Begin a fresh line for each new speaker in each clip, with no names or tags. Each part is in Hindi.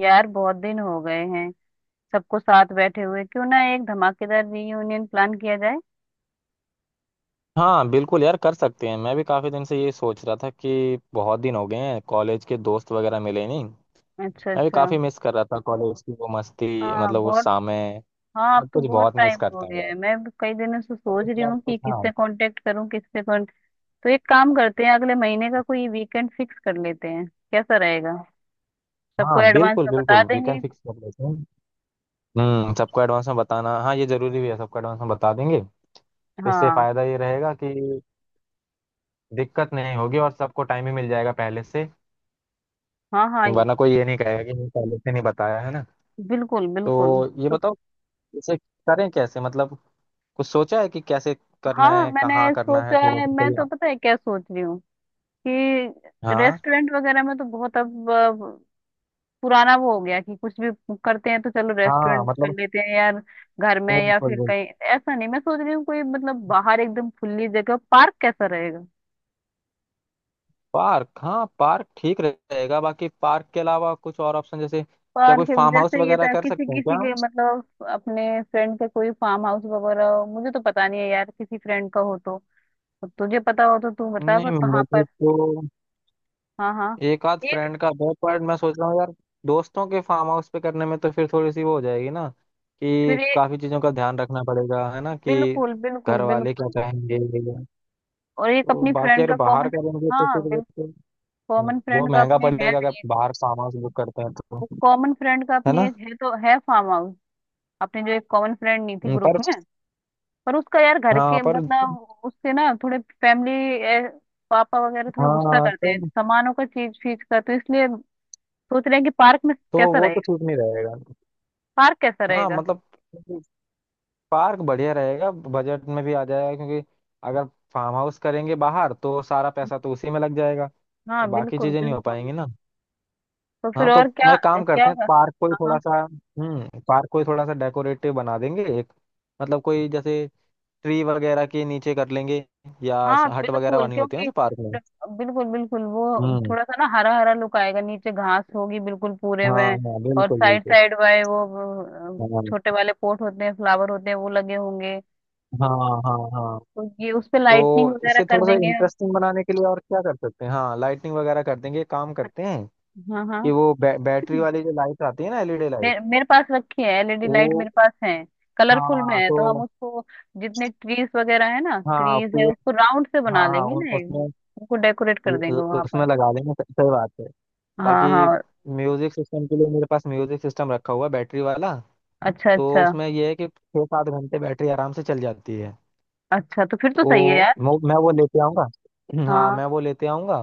यार बहुत दिन हो गए हैं सबको साथ बैठे हुए। क्यों ना एक धमाकेदार रीयूनियन प्लान किया जाए।
हाँ बिल्कुल यार कर सकते हैं। मैं भी काफ़ी दिन से ये सोच रहा था कि बहुत दिन हो गए हैं, कॉलेज के दोस्त वगैरह मिले नहीं।
अच्छा
मैं भी
अच्छा।
काफ़ी मिस कर रहा था कॉलेज की वो मस्ती,
हाँ
मतलब वो
बहुत।
समय,
हाँ अब
सब
तो
कुछ
बहुत
बहुत मिस
टाइम हो
करता
गया
हूँ यार।
है, मैं भी कई दिनों से
चलो
सोच
इस
रही
बार
हूँ कि
कुछ, हाँ।
किससे कांटेक्ट करूँ, किससे कौन। तो एक काम करते हैं, अगले महीने का कोई वीकेंड फिक्स कर लेते हैं। कैसा रहेगा? सबको
हाँ
एडवांस
बिल्कुल
में बता
बिल्कुल,
देंगे।
वीकेंड फिक्स कर लेते हैं। हम्म, सबको एडवांस में बताना, हाँ ये ज़रूरी भी है। सबको एडवांस में बता देंगे तो इससे
हाँ
फ़ायदा ये रहेगा कि दिक्कत नहीं होगी और सबको टाइम ही मिल जाएगा पहले से।
हाँ हाँ ये-।
वरना कोई ये नहीं कहेगा कि नहीं, पहले से नहीं बताया, है ना।
बिल्कुल बिल्कुल।
तो ये
तो
बताओ इसे करें कैसे, मतलब कुछ सोचा है कि कैसे करना
हाँ
है, कहाँ
मैंने
करना है,
सोचा
थोड़ा
है,
सा
मैं
कोई।
तो पता है क्या सोच रही हूँ कि
हाँ
रेस्टोरेंट वगैरह में तो बहुत अब पुराना वो हो गया कि कुछ भी करते हैं तो चलो रेस्टोरेंट
हाँ
में कर
मतलब
लेते हैं यार, घर में
बिल्कुल
या फिर
बिल्कुल।
कहीं ऐसा नहीं। मैं सोच रही हूँ कोई मतलब बाहर एकदम खुली जगह, पार्क कैसा रहेगा?
पार्क, हाँ पार्क ठीक रहेगा। बाकी पार्क के अलावा कुछ और ऑप्शन जैसे क्या,
पार्क
कोई फार्म हाउस
जैसे ये
वगैरह
था
कर
किसी
सकते हैं
किसी
क्या
के
हम?
मतलब अपने फ्रेंड के कोई फार्म हाउस वगैरह हो, मुझे तो पता नहीं है यार किसी फ्रेंड का हो तो। तो तुझे पता हो तो तू बता,
नहीं
पर कहाँ
मुझे
पर।
तो
हाँ हाँ
एक आध
एक।
फ्रेंड का दो, पर मैं सोच रहा हूँ यार दोस्तों के फार्म हाउस पे करने में तो फिर थोड़ी सी वो हो जाएगी ना,
फिर
कि
एक
काफी चीजों का ध्यान रखना पड़ेगा है ना, कि
बिल्कुल बिल्कुल
घर वाले क्या
बिल्कुल।
कहेंगे।
और एक
तो
अपनी
बाकी
फ्रेंड
अगर
का
बाहर
कॉमन।
करेंगे तो
हाँ
फिर वो
बिल्कुल।
तो
कॉमन
वो
फ्रेंड का
महंगा
अपने है
पड़ेगा अगर
नहीं।
बाहर सामान से बुक करते हैं तो।
कॉमन फ्रेंड का
है
अपनी
ना।
एक है तो है फार्म हाउस। अपने जो एक कॉमन फ्रेंड नहीं थी ग्रुप
पर।
में। पर उसका यार घर
हाँ
के
पर।
मतलब उससे ना थोड़े फैमिली, पापा वगैरह थोड़ा गुस्सा
हाँ
करते
तो
हैं सामानों का चीज फीज का, तो इसलिए सोच रहे हैं कि पार्क में
तो।
कैसा
वो तो
रहेगा।
ठीक नहीं रहेगा।
पार्क कैसा
हाँ
रहेगा?
मतलब पार्क बढ़िया रहेगा, बजट में भी आ जाएगा क्योंकि अगर फार्म हाउस करेंगे बाहर तो सारा पैसा तो उसी में लग जाएगा,
हाँ
तो बाकी
बिल्कुल
चीजें नहीं हो
बिल्कुल।
पाएंगी ना।
तो फिर
हाँ तो
और क्या?
मैं काम
क्या
करते हैं, पार्क को ही थोड़ा
हाँ
सा, पार्क को ही थोड़ा सा डेकोरेटिव बना देंगे, एक मतलब कोई जैसे ट्री वगैरह के नीचे कर लेंगे, या
हाँ
हट वगैरह
बिल्कुल
बनी होती है ना
क्योंकि
जो पार्क में।
बिल्कुल बिल्कुल वो
हम्म।
थोड़ा सा ना हरा हरा लुक आएगा, नीचे घास होगी बिल्कुल पूरे
हाँ
में।
हाँ
और
बिल्कुल
साइड
बिल्कुल।
साइड वाले वो छोटे
हाँ
वाले पॉट होते हैं फ्लावर होते हैं वो लगे होंगे।
हाँ हाँ। हाँ
तो ये उस पे लाइटनिंग
तो
वगैरह
इसे
कर
थोड़ा सा
देंगे हम।
इंटरेस्टिंग बनाने के लिए और क्या कर सकते हैं, हाँ लाइटिंग वगैरह कर देंगे, एक काम करते हैं
हाँ हाँ
कि वो बैटरी वाली जो लाइट आती है ना, एलईडी लाइट।
मेरे मेरे पास रखी है एलईडी
वो।
लाइट, मेरे पास है। कलरफुल में
हाँ
है तो हम
तो।
उसको जितने ट्रीज वगैरह है ना,
हाँ
ट्रीज है
पेड़।
उसको राउंड से
हाँ
बना
हाँ
लेंगे ना एक।
उसमें
उनको डेकोरेट कर
उ-
देंगे
उ-
वहां
उसमें
पर।
लगा देंगे, सही सही बात है।
हाँ
बाकी
हाँ।
म्यूजिक सिस्टम के लिए मेरे पास म्यूजिक सिस्टम रखा हुआ है बैटरी वाला।
अच्छा
तो
अच्छा।
उसमें यह है कि 6-7 घंटे बैटरी आराम से चल जाती है।
अच्छा तो फिर तो सही है
तो
यार।
मैं वो लेते आऊँगा। हाँ
हाँ।
मैं वो लेते आऊँगा।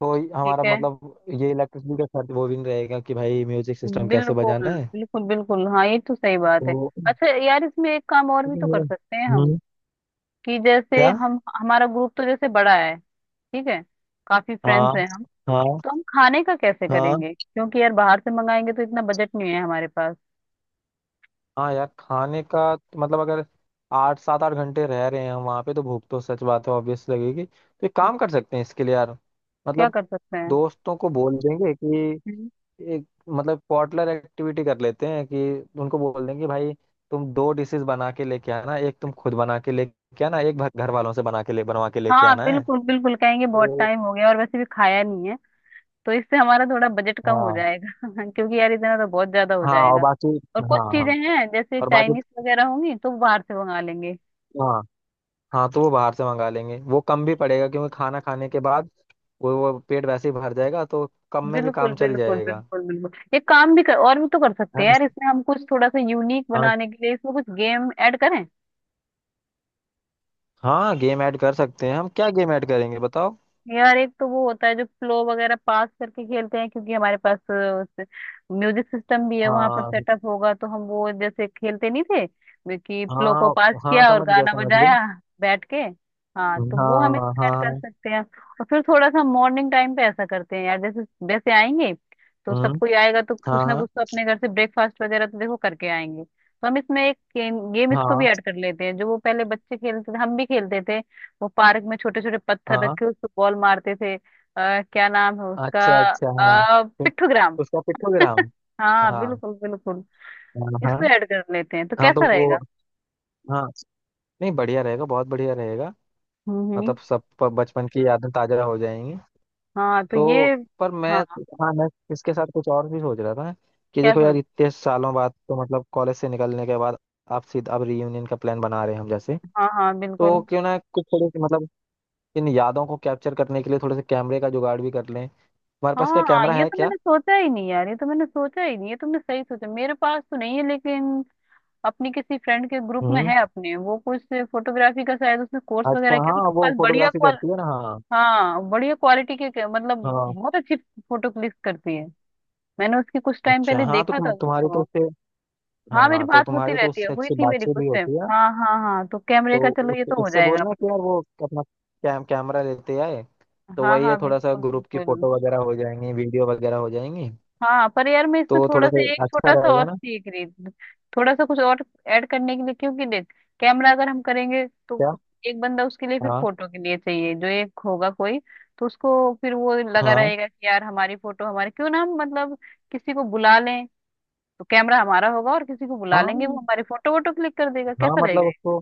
तो
ठीक
हमारा
है।
मतलब ये इलेक्ट्रिसिटी का खर्च वो भी नहीं रहेगा कि भाई म्यूजिक सिस्टम कैसे बजाना
बिल्कुल
है।
बिल्कुल बिल्कुल, हाँ ये तो सही बात है।
तो
अच्छा यार इसमें एक काम और भी तो
लेकिन
कर
ये-।
सकते हैं हम
हम्म।
कि जैसे
क्या।
हम हमारा ग्रुप तो जैसे बड़ा है। ठीक है। काफी
हाँ
फ्रेंड्स हैं हम।
हाँ
तो हम खाने का कैसे
हाँ।
करेंगे? क्योंकि यार बाहर से मंगाएंगे तो इतना बजट नहीं है हमारे पास।
हाँ यार खाने का तो मतलब अगर आठ सात आठ घंटे रह रहे हैं हम वहाँ पे, तो भूख तो सच बात है, ऑब्वियस लगेगी। तो एक काम कर सकते हैं इसके लिए यार,
क्या
मतलब
कर सकते हैं?
दोस्तों को बोल देंगे कि
हम्म।
एक मतलब पॉटलर एक्टिविटी कर लेते हैं कि उनको बोल देंगे कि भाई तुम दो डिशेस बना के लेके आना, एक तुम खुद बना के लेके आना, एक घर वालों से बना के ले बनवा के लेके
हाँ
आना है।
बिल्कुल बिल्कुल। कहेंगे बहुत
तो।
टाइम हो गया और वैसे भी खाया नहीं है। तो इससे हमारा थोड़ा बजट कम हो
हाँ
जाएगा क्योंकि यार इतना तो बहुत ज्यादा हो
हाँ और
जाएगा।
बाकी।
और
हाँ
कुछ
हाँ
चीजें हैं जैसे
और बाकी।
चाइनीज वगैरह होंगी तो बाहर से मंगा लेंगे।
हाँ। हाँ तो वो बाहर से मंगा लेंगे, वो कम भी पड़ेगा क्योंकि खाना खाने के बाद वो पेट वैसे ही भर जाएगा, तो कम में भी
बिल्कुल
काम चल
बिल्कुल
जाएगा।
बिल्कुल बिल्कुल। ये काम भी कर और भी तो कर सकते
है
हैं
ना?
यार इसमें हम कुछ। थोड़ा सा यूनिक
हाँ
बनाने के लिए इसमें कुछ गेम ऐड करें?
हाँ गेम ऐड कर सकते हैं हम। क्या गेम ऐड करेंगे बताओ।
यार एक तो वो होता है जो फ्लो वगैरह पास करके खेलते हैं। क्योंकि हमारे पास म्यूजिक सिस्टम भी है, वहां पर
हाँ
सेटअप होगा, तो हम वो जैसे खेलते नहीं थे कि फ्लो को
हाँ
पास
हाँ
किया और
समझ गया
गाना
समझ गया।
बजाया, बैठ के। हाँ तो वो हम
हाँ
इसमें ऐड कर
हाँ।
सकते हैं। और फिर थोड़ा सा मॉर्निंग टाइम पे ऐसा करते हैं यार जैसे वैसे आएंगे तो
हम्म।
सबको ही आएगा तो
हाँ
कुछ ना
हाँ
कुछ तो अपने घर से ब्रेकफास्ट वगैरह तो देखो करके आएंगे, तो हम इसमें एक गेम इसको भी
हाँ।
ऐड कर लेते हैं जो वो पहले बच्चे खेलते थे, हम भी खेलते थे। वो पार्क में छोटे छोटे पत्थर
हाँ
रखे उसको बॉल मारते थे। क्या नाम है उसका।
अच्छा अच्छा हाँ। फिर
पिट्ठूग्राम।
उसका पिक्टोग्राम।
हाँ
हाँ
बिल्कुल बिल्कुल।
हाँ
इसको
हाँ।
ऐड कर लेते हैं तो
हाँ,
कैसा
तो
रहेगा?
वो। हाँ नहीं बढ़िया रहेगा, बहुत बढ़िया रहेगा,
हम्म हम्म।
मतलब सब बचपन की यादें ताजा हो जाएंगी।
हाँ तो ये
तो पर मैं।
हाँ।
हाँ मैं इसके साथ कुछ और भी सोच रहा था कि
क्या
देखो
सोच?
यार इतने सालों बाद, तो मतलब कॉलेज से निकलने के बाद आप सीधा अब रीयूनियन का प्लान बना रहे हैं हम जैसे।
हाँ हाँ
तो
बिल्कुल।
क्यों ना कुछ थोड़ी सी मतलब इन यादों को कैप्चर करने के लिए थोड़े से कैमरे का जुगाड़ भी कर लें। हमारे पास क्या
हाँ हाँ
कैमरा
ये
है
तो
क्या?
मैंने सोचा ही नहीं यार, ये तो मैंने सोचा ही नहीं। ये तुमने सही सोचा, मेरे पास तो नहीं है लेकिन अपनी किसी फ्रेंड के ग्रुप में
हम्म।
है अपने वो कुछ फोटोग्राफी का शायद उसने कोर्स वगैरह
अच्छा
किया, तो
हाँ,
उसके
वो
पास बढ़िया।
फोटोग्राफी करती है ना, हाँ।
हाँ बढ़िया क्वालिटी के- मतलब
हाँ
बहुत अच्छी फोटो क्लिक करती है। मैंने उसकी कुछ टाइम
अच्छा
पहले
हाँ, तो
देखा था
तुम्हारी तो
उसको।
उससे,
हाँ मेरी
हाँ तो
बात होती
तुम्हारी तो
रहती है,
उससे
हुई
अच्छी
थी मेरी
बातचीत
कुछ
भी
टाइम,
होती है।
हाँ हाँ हाँ। तो कैमरे का
तो
चलो ये तो हो
उससे
जाएगा
बोलना
अपना।
कि यार वो अपना कैमरा लेते आए, तो
हाँ
वही है
हाँ
थोड़ा सा
बिल्कुल
ग्रुप की
बिल्कुल।
फोटो वगैरह हो जाएंगी, वीडियो वगैरह हो जाएंगी।
हाँ पर यार मैं इसमें
तो
थोड़ा
थोड़ा
सा
सा
एक
अच्छा
छोटा सा
रहेगा
और
ना।
सीख रही थी। थोड़ा सा कुछ और ऐड करने के लिए, क्योंकि देख कैमरा अगर हम करेंगे तो
क्या।
एक बंदा उसके लिए फिर
हाँ
फोटो के लिए चाहिए जो एक होगा कोई। तो उसको फिर वो लगा
हाँ
रहेगा कि यार हमारी फोटो हमारे, क्यों ना हम मतलब किसी को बुला लें। तो कैमरा हमारा होगा और किसी को बुला लेंगे, वो
हाँ।
हमारी फोटो वोटो क्लिक कर देगा,
हाँ
कैसा
मतलब
रहेगा ये?
उसको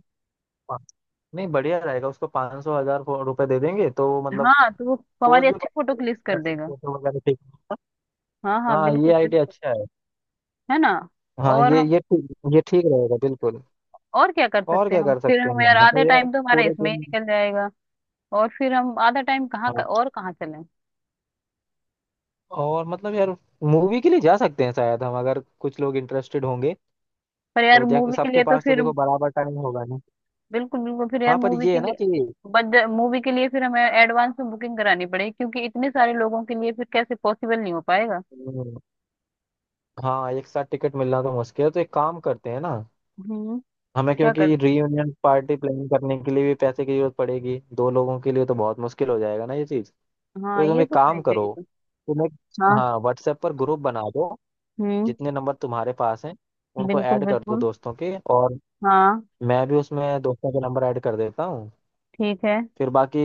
पा- नहीं, बढ़िया रहेगा, उसको पाँच सौ हजार रुपए दे देंगे तो मतलब
हाँ तो वो
पोज
हमारी
भी,
अच्छी फोटो क्लिक कर
कैसे
देगा।
फोटो वगैरह, ठीक।
हाँ हाँ
हाँ ये
बिल्कुल
आइडिया
बिल्कुल।
अच्छा है।
है ना?
हाँ
और हम
ये ठीक। ये ठीक रहेगा बिल्कुल।
और क्या कर
और
सकते हैं
क्या
हम?
कर
फिर
सकते हैं
हम
हम?
यार आधा
मतलब यार
टाइम तो हमारा
पूरे
इसमें ही
दिन।
निकल जाएगा। और फिर हम आधा टाइम कहाँ का
हाँ
और कहाँ चलें?
और मतलब यार मूवी के लिए जा सकते हैं शायद हम अगर कुछ लोग इंटरेस्टेड होंगे।
पर यार
तो देख
मूवी के
सबके
लिए तो
पास तो
फिर
देखो बराबर टाइम होगा नहीं।
बिल्कुल बिल्कुल। फिर यार
हाँ पर
मूवी
ये
के
है ना
लिए
कि।
बजट, मूवी के लिए फिर हमें एडवांस में बुकिंग करानी पड़ेगी क्योंकि इतने सारे लोगों के लिए फिर कैसे, पॉसिबल नहीं हो पाएगा।
हम्म, हाँ एक साथ टिकट मिलना तो मुश्किल है, तो एक काम करते हैं ना।
हम्म।
हमें
क्या कर।
क्योंकि रीयूनियन पार्टी प्लान करने के लिए भी पैसे की जरूरत पड़ेगी, दो लोगों के लिए तो बहुत मुश्किल हो जाएगा ना ये चीज़। तो
हाँ
तुम
ये
एक
तो सही
काम करो,
कही तो।
तुम एक,
हाँ
हाँ व्हाट्सएप पर ग्रुप बना दो,
हम्म
जितने नंबर तुम्हारे पास हैं उनको
बिल्कुल
ऐड कर दो
बिल्कुल।
दोस्तों के, और
हाँ
मैं भी उसमें दोस्तों के नंबर ऐड कर देता हूँ।
ठीक है।
फिर बाकी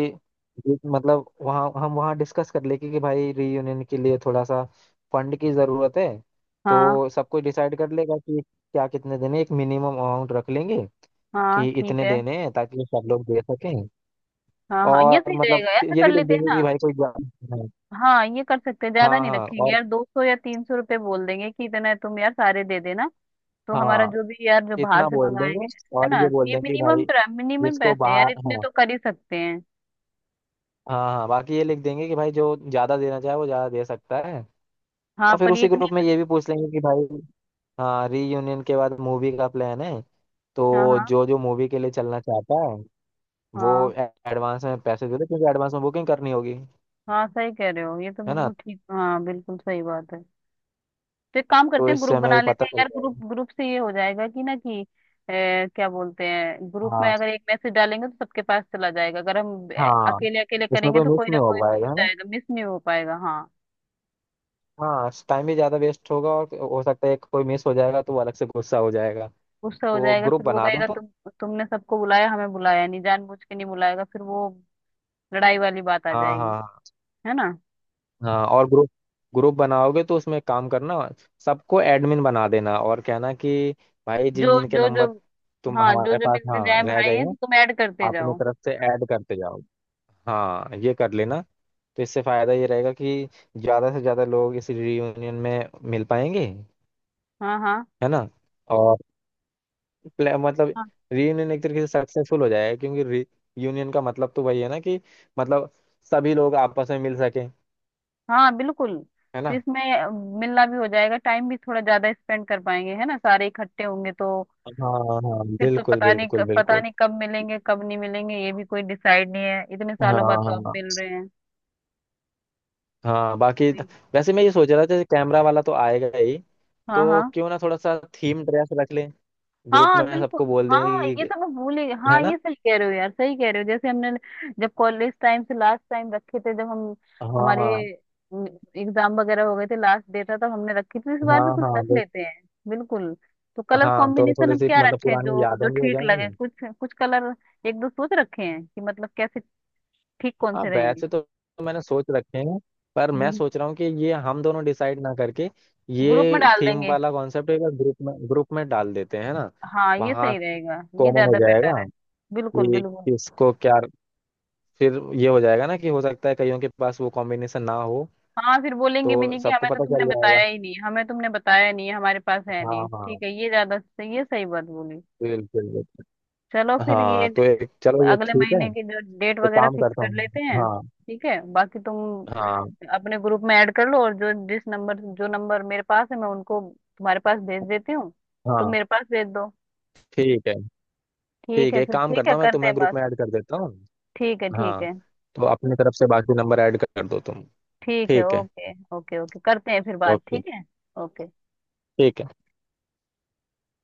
ये मतलब वहाँ हम वहाँ डिस्कस कर लेंगे कि भाई रीयूनियन के लिए थोड़ा सा फंड की ज़रूरत है।
हाँ
तो सब कोई डिसाइड कर लेगा कि क्या कितने देने हैं। एक मिनिमम अमाउंट रख लेंगे
हाँ
कि
ठीक
इतने
है।
देने हैं ताकि सब लोग दे सकें।
हाँ हाँ ये
और
सही
मतलब
रहेगा,
कि
ऐसा
ये
कर
भी लिख
लेते हैं
देंगे कि
ना।
भाई कोई
हाँ ये कर सकते हैं, ज्यादा
हाँ
नहीं
हाँ।
रखेंगे
और
यार, दो सौ या तीन सौ रुपये बोल देंगे कि इतना है, तुम यार सारे दे देना। तो हमारा
हाँ
जो भी यार जो बाहर
इतना
से
बोल
मंगाएंगे,
देंगे,
है
और ये
ना? तो
बोल
ये
देंगे कि भाई
मिनिमम, मिनिमम
जिसको
पैसे हैं यार,
बाहर,
इतने
हाँ
तो कर ही सकते हैं।
हाँ हाँ, बाकी ये लिख देंगे कि भाई जो ज्यादा देना चाहे वो ज्यादा दे सकता है।
हाँ
और फिर
पर ये
उसी
इतने।
ग्रुप में ये भी पूछ लेंगे कि भाई, हाँ रीयूनियन के बाद मूवी का प्लान है,
हाँ
तो
हाँ
जो जो मूवी के लिए चलना चाहता है वो
हाँ,
एडवांस में पैसे दे दे, क्योंकि एडवांस में बुकिंग करनी होगी।
हाँ सही कह रहे हो, ये तो
है ना,
बिल्कुल ठीक। हाँ बिल्कुल सही बात है। तो एक काम
तो
करते हैं
इससे
ग्रुप
हमें
बना
ये
लेते
पता
हैं
चल
यार, ग्रुप
जाएगा।
ग्रुप से ये हो जाएगा कि ना कि क्या बोलते हैं ग्रुप में
हाँ
अगर एक मैसेज डालेंगे तो सबके पास चला जाएगा, अगर हम
हाँ,
अकेले अकेले
इसमें
करेंगे
कोई
तो
मिस
कोई ना
नहीं हो
कोई छूट
पाएगा, है ना।
जाएगा, मिस नहीं हो पाएगा। हाँ
हाँ टाइम भी ज्यादा वेस्ट होगा और हो सकता है कोई मिस हो जाएगा तो वो अलग से गुस्सा हो जाएगा।
गुस्सा हो
तो
जाएगा
ग्रुप
फिर वो
बना दो
कहेगा
तो।
तुम, तुमने सबको बुलाया हमें बुलाया नहीं, जानबूझ के नहीं बुलाएगा फिर वो, लड़ाई वाली बात आ
हाँ हाँ
जाएगी।
हाँ।
है ना?
हाँ और ग्रुप ग्रुप बनाओगे तो उसमें काम करना, सबको एडमिन बना देना और कहना कि भाई जिन
जो
जिन के
जो
नंबर
जो
तुम
हाँ जो
हमारे
जो
पास,
मिलते
हाँ
जाए
रह
भाई
गए
हैं
हैं,
तो तुम ऐड करते
अपनी
जाओ।
तरफ से ऐड करते जाओ, हाँ ये कर लेना। तो इससे फायदा ये रहेगा कि ज्यादा से ज्यादा लोग इस रियूनियन में मिल पाएंगे,
हाँ
है ना, और मतलब
हाँ
रियूनियन एक तरीके से सक्सेसफुल हो जाएगा, क्योंकि रियूनियन का मतलब तो वही है ना कि मतलब सभी लोग आपस में मिल सके।
हाँ बिल्कुल।
है
फिर
ना।
इसमें मिलना भी हो जाएगा, टाइम भी थोड़ा ज्यादा स्पेंड कर पाएंगे, है ना सारे इकट्ठे होंगे तो।
हाँ हाँ
फिर तो
बिल्कुल
पता नहीं
बिल्कुल
कब-, पता
बिल्कुल।
नहीं कब मिलेंगे कब नहीं मिलेंगे, ये भी कोई डिसाइड नहीं है। इतने
हाँ
सालों बाद तो अब
हाँ
मिल रहे हैं।
हाँ बाकी
सही।
वैसे मैं ये सोच रहा था, जैसे कैमरा वाला तो आएगा ही,
हाँ
तो
हाँ
क्यों ना थोड़ा सा थीम ड्रेस रख लें, ग्रुप
हाँ
में
बिल्कुल।
सबको बोल दें
हाँ ये
कि,
तो मैं भूल ही,
है
हाँ
ना।
ये सही कह रहे हो यार, सही कह रहे हो। जैसे हमने जब कॉलेज टाइम से लास्ट टाइम रखे थे, जब हम हमारे
हाँ
एग्जाम वगैरह हो गए थे, लास्ट डेट था, तब हमने रखी थी, इस बार
हाँ
भी कुछ
हाँ
रख लेते हैं। बिल्कुल। तो कलर
हाँ, तो
कॉम्बिनेशन
थोड़ी
हम
सी
क्या
मतलब
रखें,
पुरानी
जो जो
यादें भी हो
ठीक लगे
जाएंगी।
कुछ कुछ कलर। एक दो सोच रखे हैं कि मतलब कैसे, ठीक कौन
हाँ
से रहेंगे।
वैसे तो मैंने सोच रखे हैं, पर
हम्म
मैं
हम्म।
सोच रहा हूँ कि ये हम दोनों डिसाइड ना करके
ग्रुप में
ये
डाल
थीम
देंगे,
वाला कॉन्सेप्ट एक बार ग्रुप में डाल देते हैं, है ना।
हाँ ये
वहाँ
सही रहेगा, ये
कॉमन हो
ज्यादा बेटर है।
जाएगा
बिल्कुल
कि
बिल्कुल।
किसको क्या, फिर ये हो जाएगा ना कि हो सकता है कईयों के पास वो कॉम्बिनेशन ना हो,
हाँ फिर बोलेंगे भी
तो
नहीं कि
सबको
हमें तो
पता
तुमने
चल जाएगा।
बताया ही नहीं, हमें तुमने बताया नहीं, हमारे पास है नहीं।
हाँ हाँ
ठीक है ये ज्यादा सही, ये सही बात बोली।
बिल्कुल बिल्कुल।
चलो फिर ये
हाँ तो एक चलो ये
अगले
ठीक है,
महीने की जो डेट
तो
वगैरह
काम
फिक्स
करता
कर
हूँ।
लेते हैं,
हाँ
ठीक है बाकी तुम
हाँ
अपने ग्रुप में ऐड कर लो, और जो जिस नंबर जो नंबर मेरे पास है मैं उनको तुम्हारे पास भेज देती हूँ, तुम
हाँ।
मेरे पास भेज दो।
ठीक है।
ठीक
ठीक
है,
है, एक
फिर
काम
ठीक
करता
है
हूँ मैं
करते
तुम्हें
हैं
ग्रुप
बात।
में ऐड कर देता हूँ।
ठीक है ठीक
हाँ
है
तो अपनी तरफ से बाकी नंबर ऐड कर दो तुम।
ठीक है।
ठीक है,
ओके ओके ओके करते हैं फिर बात।
ओके,
ठीक है। ओके।
ठीक है।